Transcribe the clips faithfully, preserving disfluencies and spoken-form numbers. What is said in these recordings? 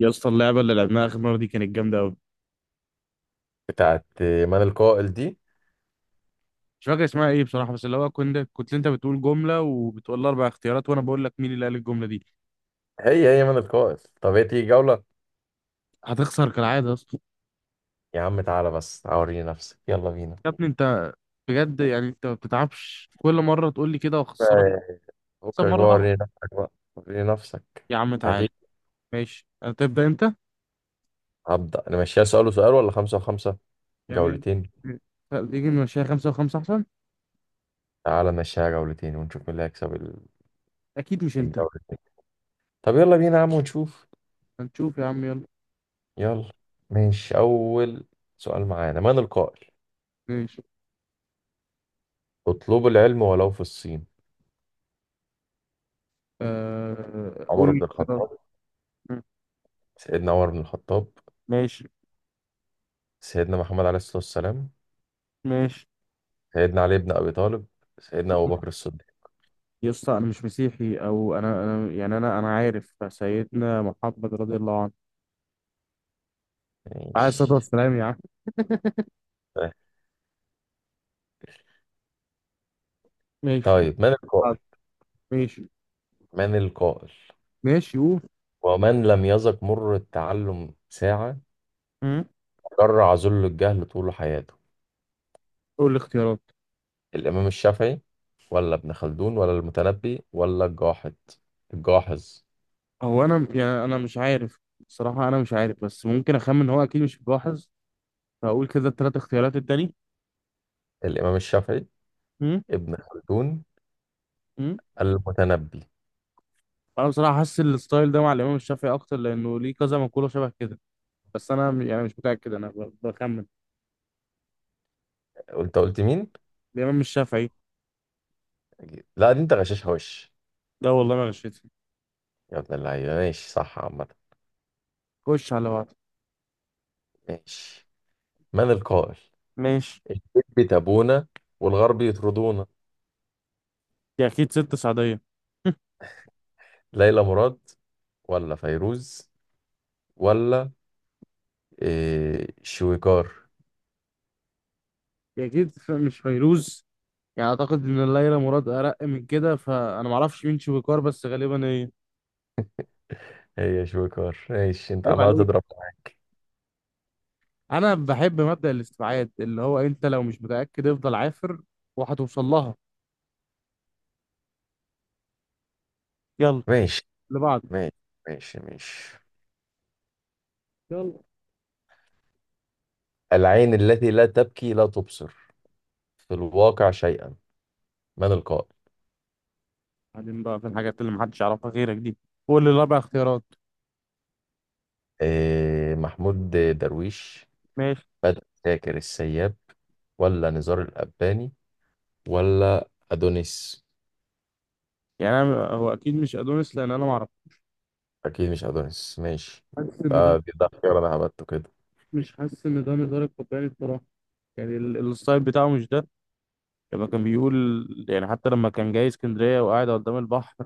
يا اسطى، اللعبه اللي لعبناها اخر مره دي كانت جامده قوي. بتاعت من القائل دي؟ مش فاكر اسمها ايه بصراحه، بس اللي هو كنت كنت انت بتقول جمله وبتقول لي اربع اختيارات وانا بقول لك مين اللي قال الجمله دي. هي هي من القائل. طب هي تيجي جولة. هتخسر كالعاده يا اسطى. يا عم تعالى بس اوريني نفسك، يلا بينا. يا ابني انت. بجد يعني انت ما بتتعبش كل مره تقول لي كده واخسرك. آه. فكك اكسب مره بقى واحدة. وريني نفسك بقى. وريني نفسك. يا عم تعالى. هتيجي؟ ماشي، هتبدا انت. هبدأ نمشيها سؤال وسؤال ولا خمسة وخمسة؟ يعني جولتين. تيجي نمشيها خمسه وخمسه احسن. تعالى نمشيها جولتين ونشوف مين اللي هيكسب ال- اكيد مش انت. الجولتين. طب يلا بينا يا عم ونشوف. هنشوف يا عم، يلا. يلا. ماشي، أول سؤال معانا. من القائل: ماشي. اطلبوا العلم ولو في الصين؟ آه، قول عمر بن الاختيارات. الخطاب سيدنا عمر بن الخطاب، ماشي. سيدنا محمد عليه الصلاة والسلام، ماشي. سيدنا علي بن أبي طالب، سيدنا أبو بكر الصديق. يا اسطى، انا مش مسيحي، او انا انا يعني انا انا عارف سيدنا محمد رضي الله عنه، عليه الصلاه ماشي. والسلام يا عم. ماشي. طيب، من القائل ماشي. من القائل ماشي قول. ومن لم يذق مر التعلم ساعة، امم. جرع ذل الجهل طول حياته؟ قول الاختيارات. الإمام الشافعي، ولا ابن خلدون، ولا المتنبي، ولا الجاحظ. الجاحظ. هو انا يعني انا مش عارف. الصراحه انا مش عارف، بس ممكن اخمن إن هو اكيد مش ملاحظ، فاقول كده الثلاث اختيارات التاني. الإمام الشافعي، امم. ابن خلدون، امم. المتنبي. انا بصراحه حاسس الستايل ده مع الامام الشافعي اكتر، لانه ليه كذا مقوله شبه كده. بس انا م- يعني مش متاكد، انا ب- بخمن. قلت قلت مين؟ الامام الشافعي. لا، دي انت غشاشها وش. ده والله ما غشيت. يا ابن اللعيبة، ماشي، صح عامة. خش على بعض. ماشي. من القائل: ماشي. الشد تبونا والغرب يطردونا؟ دي اكيد ست سعدية. ليلى مراد، ولا فيروز، ولا، إيه، شويكار. دي اكيد ف- مش فيروز. يعني اعتقد ان ليلى مراد ارق من كده، فانا ما اعرفش مين شويكار بس غالبا هي. هي شويكار. ماشي، انت عيب عمال عليك. تضرب معايا. انا بحب مبدأ الاستبعاد، اللي هو انت لو مش متأكد افضل عافر، وهتوصل لها. يلا. ماشي. لبعض. ماشي. ماشي. ماشي. يلا. العين التي لا تبكي لا تبصر في الواقع شيئا. من القائل؟ بعدين بقى في الحاجات اللي محدش يعرفها غيرك دي. قول لي الاربع اختيارات. إيه، محمود درويش، ماشي. بدر شاكر السياب، ولا نزار القباني، ولا أدونيس. يعني انا، هو اكيد مش ادونيس لان انا ما اعرف. أكيد مش أدونيس. ماشي. حاسس ان ده. ده ده ده اختيار أنا هبته كده. مش حاسس ان ده نزار القباني بصراحه. يعني ال- الستايل بتاعه مش ده. لما كان بيقول، يعني حتى لما كان جاي اسكندرية وقاعد قدام البحر،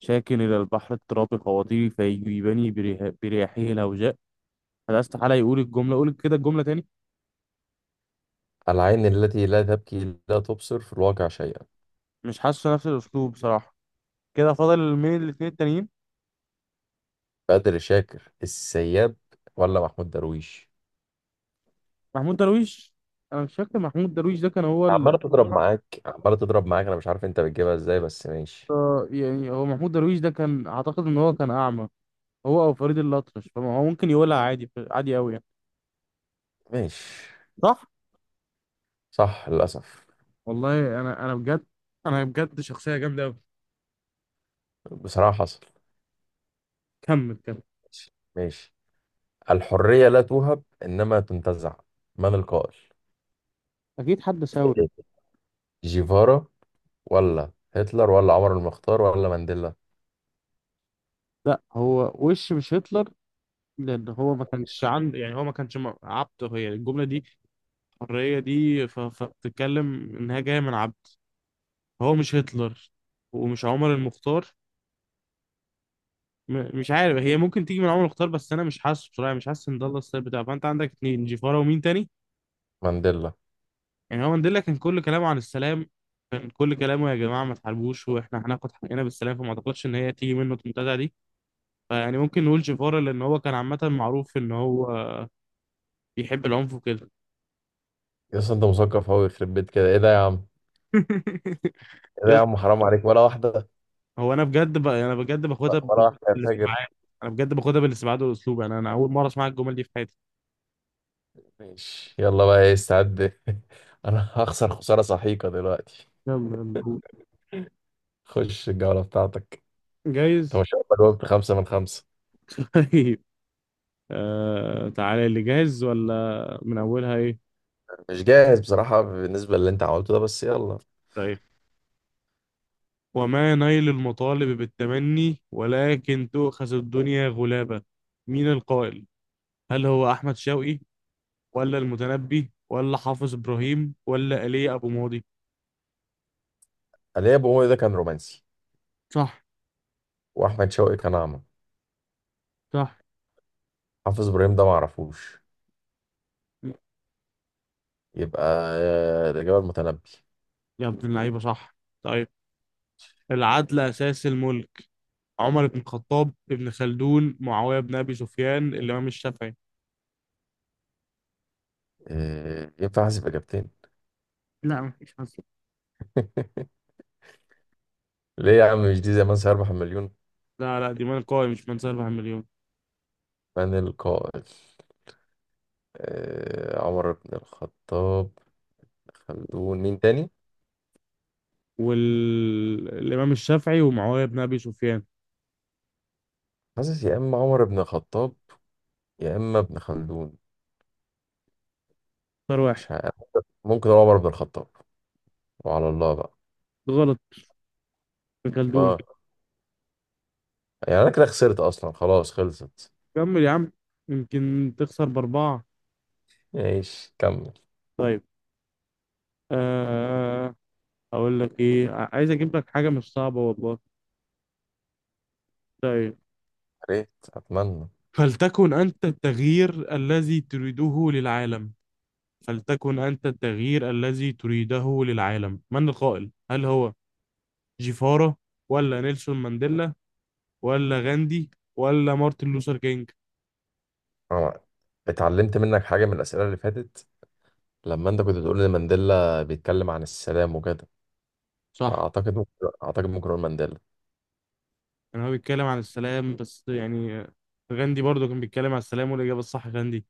شاكن إلى البحر اضطرابي خواطري فيجيبني بريح- برياحه الهوجاء. هذا استحالة يقول الجملة. قول كده الجملة تاني. العين التي لا تبكي لا تبصر في الواقع شيئا. مش حاسس نفس الأسلوب بصراحة. كده فاضل مين الاتنين التانيين. بدر شاكر السياب ولا محمود درويش؟ محمود درويش. أنا مش فاكر، محمود درويش ده كان هو ال... عمالة تضرب معاك، عمالة تضرب معاك. انا مش عارف انت بتجيبها ازاي، بس ماشي. آه، يعني هو محمود درويش ده كان أعتقد إن هو كان أعمى، هو أو فريد الأطرش، فهو ممكن يقولها عادي عادي أوي يعني. ماشي. صح؟ صح للأسف. والله انا انا بجد. انا بجد شخصيه جامده قوي. بصراحة حصل. كمل كمل. ماشي. ماشي. الحرية لا توهب، انما تنتزع. من القائل؟ اكيد حد ثوري. جيفارا، ولا هتلر، ولا عمر المختار، ولا مانديلا. لا، هو وش مش هتلر، لان هو ما كانش عنده، يعني هو ما كانش م- عبد. هي الجمله دي، الحريه دي، ف- فبتتكلم انها جايه من عبد. هو مش هتلر، ومش عمر المختار. م- مش عارف، هي ممكن تيجي من عمر المختار بس انا مش حاسه بصراحه، يعني مش حاسس ان ده الله السبب بتاعه. فانت عندك اتنين، جيفارا ومين تاني. مانديلا. يعني هو مانديلا كان كل كلامه عن السلام. كان كل كلامه يا جماعه ما تحاربوش، واحنا هناخد حقنا بالسلام، فما اعتقدش ان هي تيجي منه المنتزه دي. فيعني ممكن نقول جيفارا، لان هو كان عامه معروف ان هو بيحب العنف وكده. يا اسطى، انت مثقف قوي يخرب بيت كده. ايه ده يا عم؟ ايه ده يا يس. عم؟ حرام عليك، ولا واحدة. هو انا بجد ب... انا بجد باخدها ولا بال- واحدة يا فاجر. بالاستبعاد. انا بجد باخدها بالاستبعاد والاسلوب. انا انا اول مره اسمع الجمل دي في حياتي. ماشي، يلا بقى، ايه، استعد. انا هخسر خسارة سحيقة دلوقتي. يلا يلا قول. خش الجولة بتاعتك. انت ما جايز. شاء الله جاوبت خمسة من خمسة. طيب. آه، تعالى اللي جاهز ولا من اولها ايه. مش جاهز بصراحة بالنسبة للي انت عملته ده، بس يلا. طيب. وما نيل المطالب بالتمني، ولكن تؤخذ الدنيا غلابة. مين القائل؟ هل هو احمد شوقي، ولا المتنبي، ولا حافظ ابراهيم، ولا ايليا ابو ماضي؟ علي ابو مولي ده كان رومانسي. صح. واحمد شوقي كان اعمى. صح. حافظ ابراهيم ده ما اعرفوش. يبقى آه، الاجابة المتنبي. يا ابن اللعيبه صح. طيب. العدل أساس الملك. عمر بن الخطاب، ابن خلدون، معاوية بن أبي سفيان، الإمام الشافعي. آه، ينفع احسب اجابتين؟ لا مفيش أصلا. ليه يا عم؟ مش دي زمان سيربح المليون. لا لا، دي من قوي، مش من سيرفع مليون. من القائل؟ آه، عمر بن الخطاب، خلدون، مين تاني؟ والإمام الشافعي ومعاوية بن أبي سفيان. حاسس يا اما عمر بن الخطاب، يا اما ابن خلدون. اختار واحد. مش عارف. ممكن هو عمر بن الخطاب، وعلى الله بقى. غلط. ابن خلدون. ما يعني انا كده خسرت اصلا، خلاص، خلصت. كمل يا عم. يمكن تخسر بأربعة. ايش كمل يا؟ طيب. آه. أقول لك إيه، عايز أجيب لك حاجة مش صعبة والله. طيب. ريت اتمنى. فلتكن أنت التغيير الذي تريده للعالم. فلتكن أنت التغيير الذي تريده للعالم، من القائل؟ هل هو جيفارا، ولا نيلسون مانديلا، ولا غاندي، ولا مارتن لوثر كينج؟ أنا اتعلمت منك حاجه من الاسئله اللي فاتت، لما انت كنت بتقول ان مانديلا بيتكلم عن السلام وكده. صح. اعتقد ممكن اعتقد ممكن اقول مانديلا. يعني هو بيتكلم عن السلام بس، يعني غاندي برضه كان بيتكلم عن السلام. والإجابة الصح غاندي.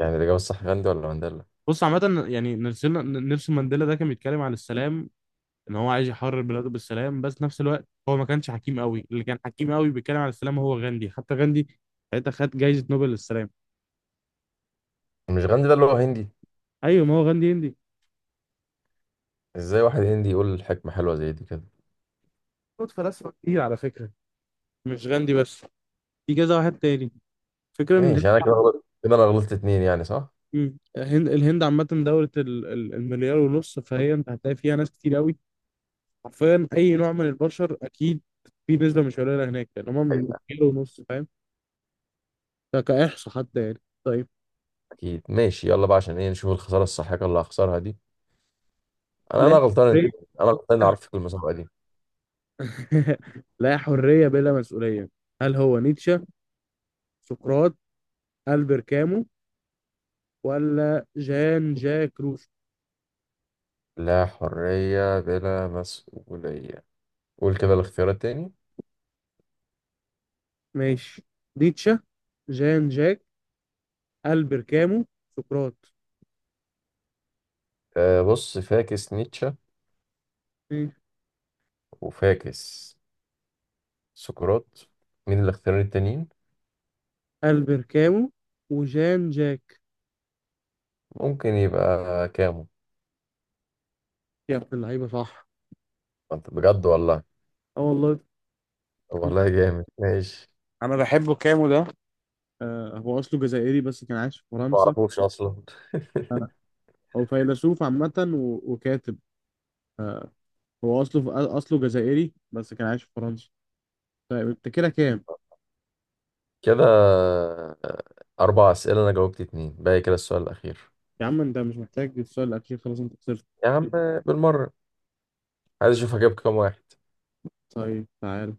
يعني الاجابه الصح غاندي ولا مانديلا؟ بص، عامة يعني نيلسون، نيلسون مانديلا ده كان بيتكلم عن السلام، ان هو عايز يحرر بلاده بالسلام. بس نفس الوقت هو ما كانش حكيم قوي. اللي كان حكيم قوي بيتكلم عن السلام هو غاندي. حتى غاندي ساعتها خد جايزة نوبل للسلام. مش غاندي ده اللي هو هندي؟ ايوه، ما هو غاندي هندي. ازاي واحد هندي يقول حكمه حلوه زي دي كده؟ خد فلاسفة كتير على فكرة، مش غاندي بس، في كذا واحد تاني. فكرة ان الهند. ماشي، انا كده غلطت كده، انا غلطت اتنين يعني، صح. مم. الهند الهند عامة دولة ال- ال- المليار ونص، فهي انت هتلاقي فيها ناس كتير قوي. حرفيا اي نوع من البشر اكيد في نسبة مش قليلة هناك، يعني هما من أيوة. مليار ونص، فاهم؟ ده كإحصاء حتى، يعني طيب. اكيد. ماشي، يلا بقى، عشان ايه، نشوف الخساره الساحقه اللي هخسرها دي. انا لا انا غلطان انت. حرية. انا غلطان اني عرفتك المسابقه دي. لا حرية بلا مسؤولية. هل هو نيتشه، سقراط، ألبر كامو، ولا جان جاك روسو؟ لا حريه بلا مسؤوليه. قول كده الاختيار التاني. ماشي. نيتشه. جان جاك. ألبر كامو. سقراط. أه بص، فاكس نيتشه، وفاكس سقراط. مين الاختيارين التانيين؟ البركامو وجان جاك. ممكن يبقى كامو. يا ابن اللعيبه صح. انت بجد والله. اه والله. طب والله جامد. ماشي. انا بحبه كامو ده. آه، هو اصله جزائري بس كان عايش في ما فرنسا. اعرفوش اصلا. آه. هو فيلسوف عامة و- وكاتب. آه. هو اصله في- اصله جزائري بس كان عايش في فرنسا. طيب انت كده كام؟ كده آه. اربع اسئله انا جاوبت اتنين، باقي كده السؤال الاخير. يا عم، انت مش محتاج السؤال الاخير، خلاص انت خسرت. يا عم، بالمره، عايز اشوف هجيب كام واحد. طيب تعال.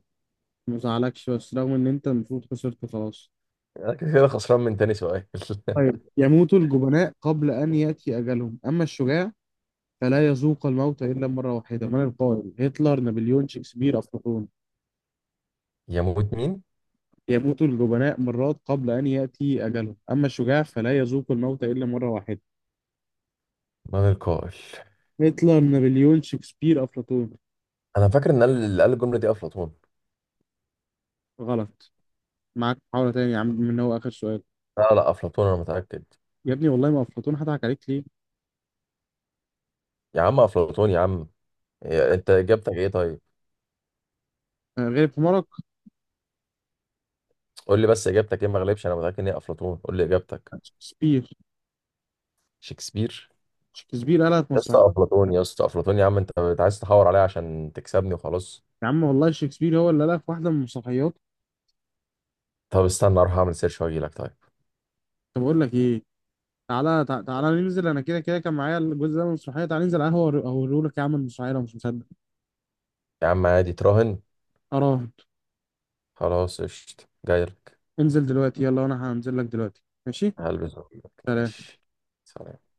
ما زعلكش، بس رغم ان انت المفروض خسرت خلاص. انا كده كده خسران من تاني سؤال. طيب. يموت الجبناء قبل ان ياتي اجلهم، اما الشجاع فلا يذوق الموت إلا مرة واحدة، من القائل؟ هتلر، نابليون، شكسبير، أفلاطون. يموت مين؟ يموت الجبناء مرات قبل أن يأتي أجلهم، أما الشجاع فلا يذوق الموت إلا مرة واحدة. من القائل؟ هتلر، نابليون، شكسبير، أفلاطون. انا فاكر ان قال- اللي قال الجمله دي افلاطون. غلط. معاك محاولة تانية يا عم، من هو آخر سؤال. لا لا، افلاطون، انا متاكد. يا ابني والله ما أفلاطون، هضحك عليك ليه؟ يا عم افلاطون يا عم. إيه، انت اجابتك ايه طيب؟ آه، غير في مرق. قول لي بس اجابتك ايه، ما اغلبش، انا متاكد ان هي افلاطون. قول لي اجابتك. شكسبير. شكسبير؟ شكسبير ألف يا اسطى مسرحية. افلاطون، يا اسطى افلاطون، يا عم انت بت- عايز تحور عليا عشان تكسبني، وخلاص. يا عم والله شكسبير هو اللي ألف واحدة من مسرحياته. طب استنى اروح اعمل سيرش واجي لك طيب. طب أقول لك إيه، تعالى تع- تعالى ننزل. أنا كده كده كان معايا الجزء ده من المسرحية. تعالى ننزل قهوة أوريهولك يا عم المسرحية لو مش مصدق. يا عم عادي، تراهن. أراهن. خلاص قشطة، جاي لك. انزل دلوقتي، يلا. أنا هنزل لك دلوقتي، ماشي. هلبس وأجيلك. سلام. ماشي. سلام.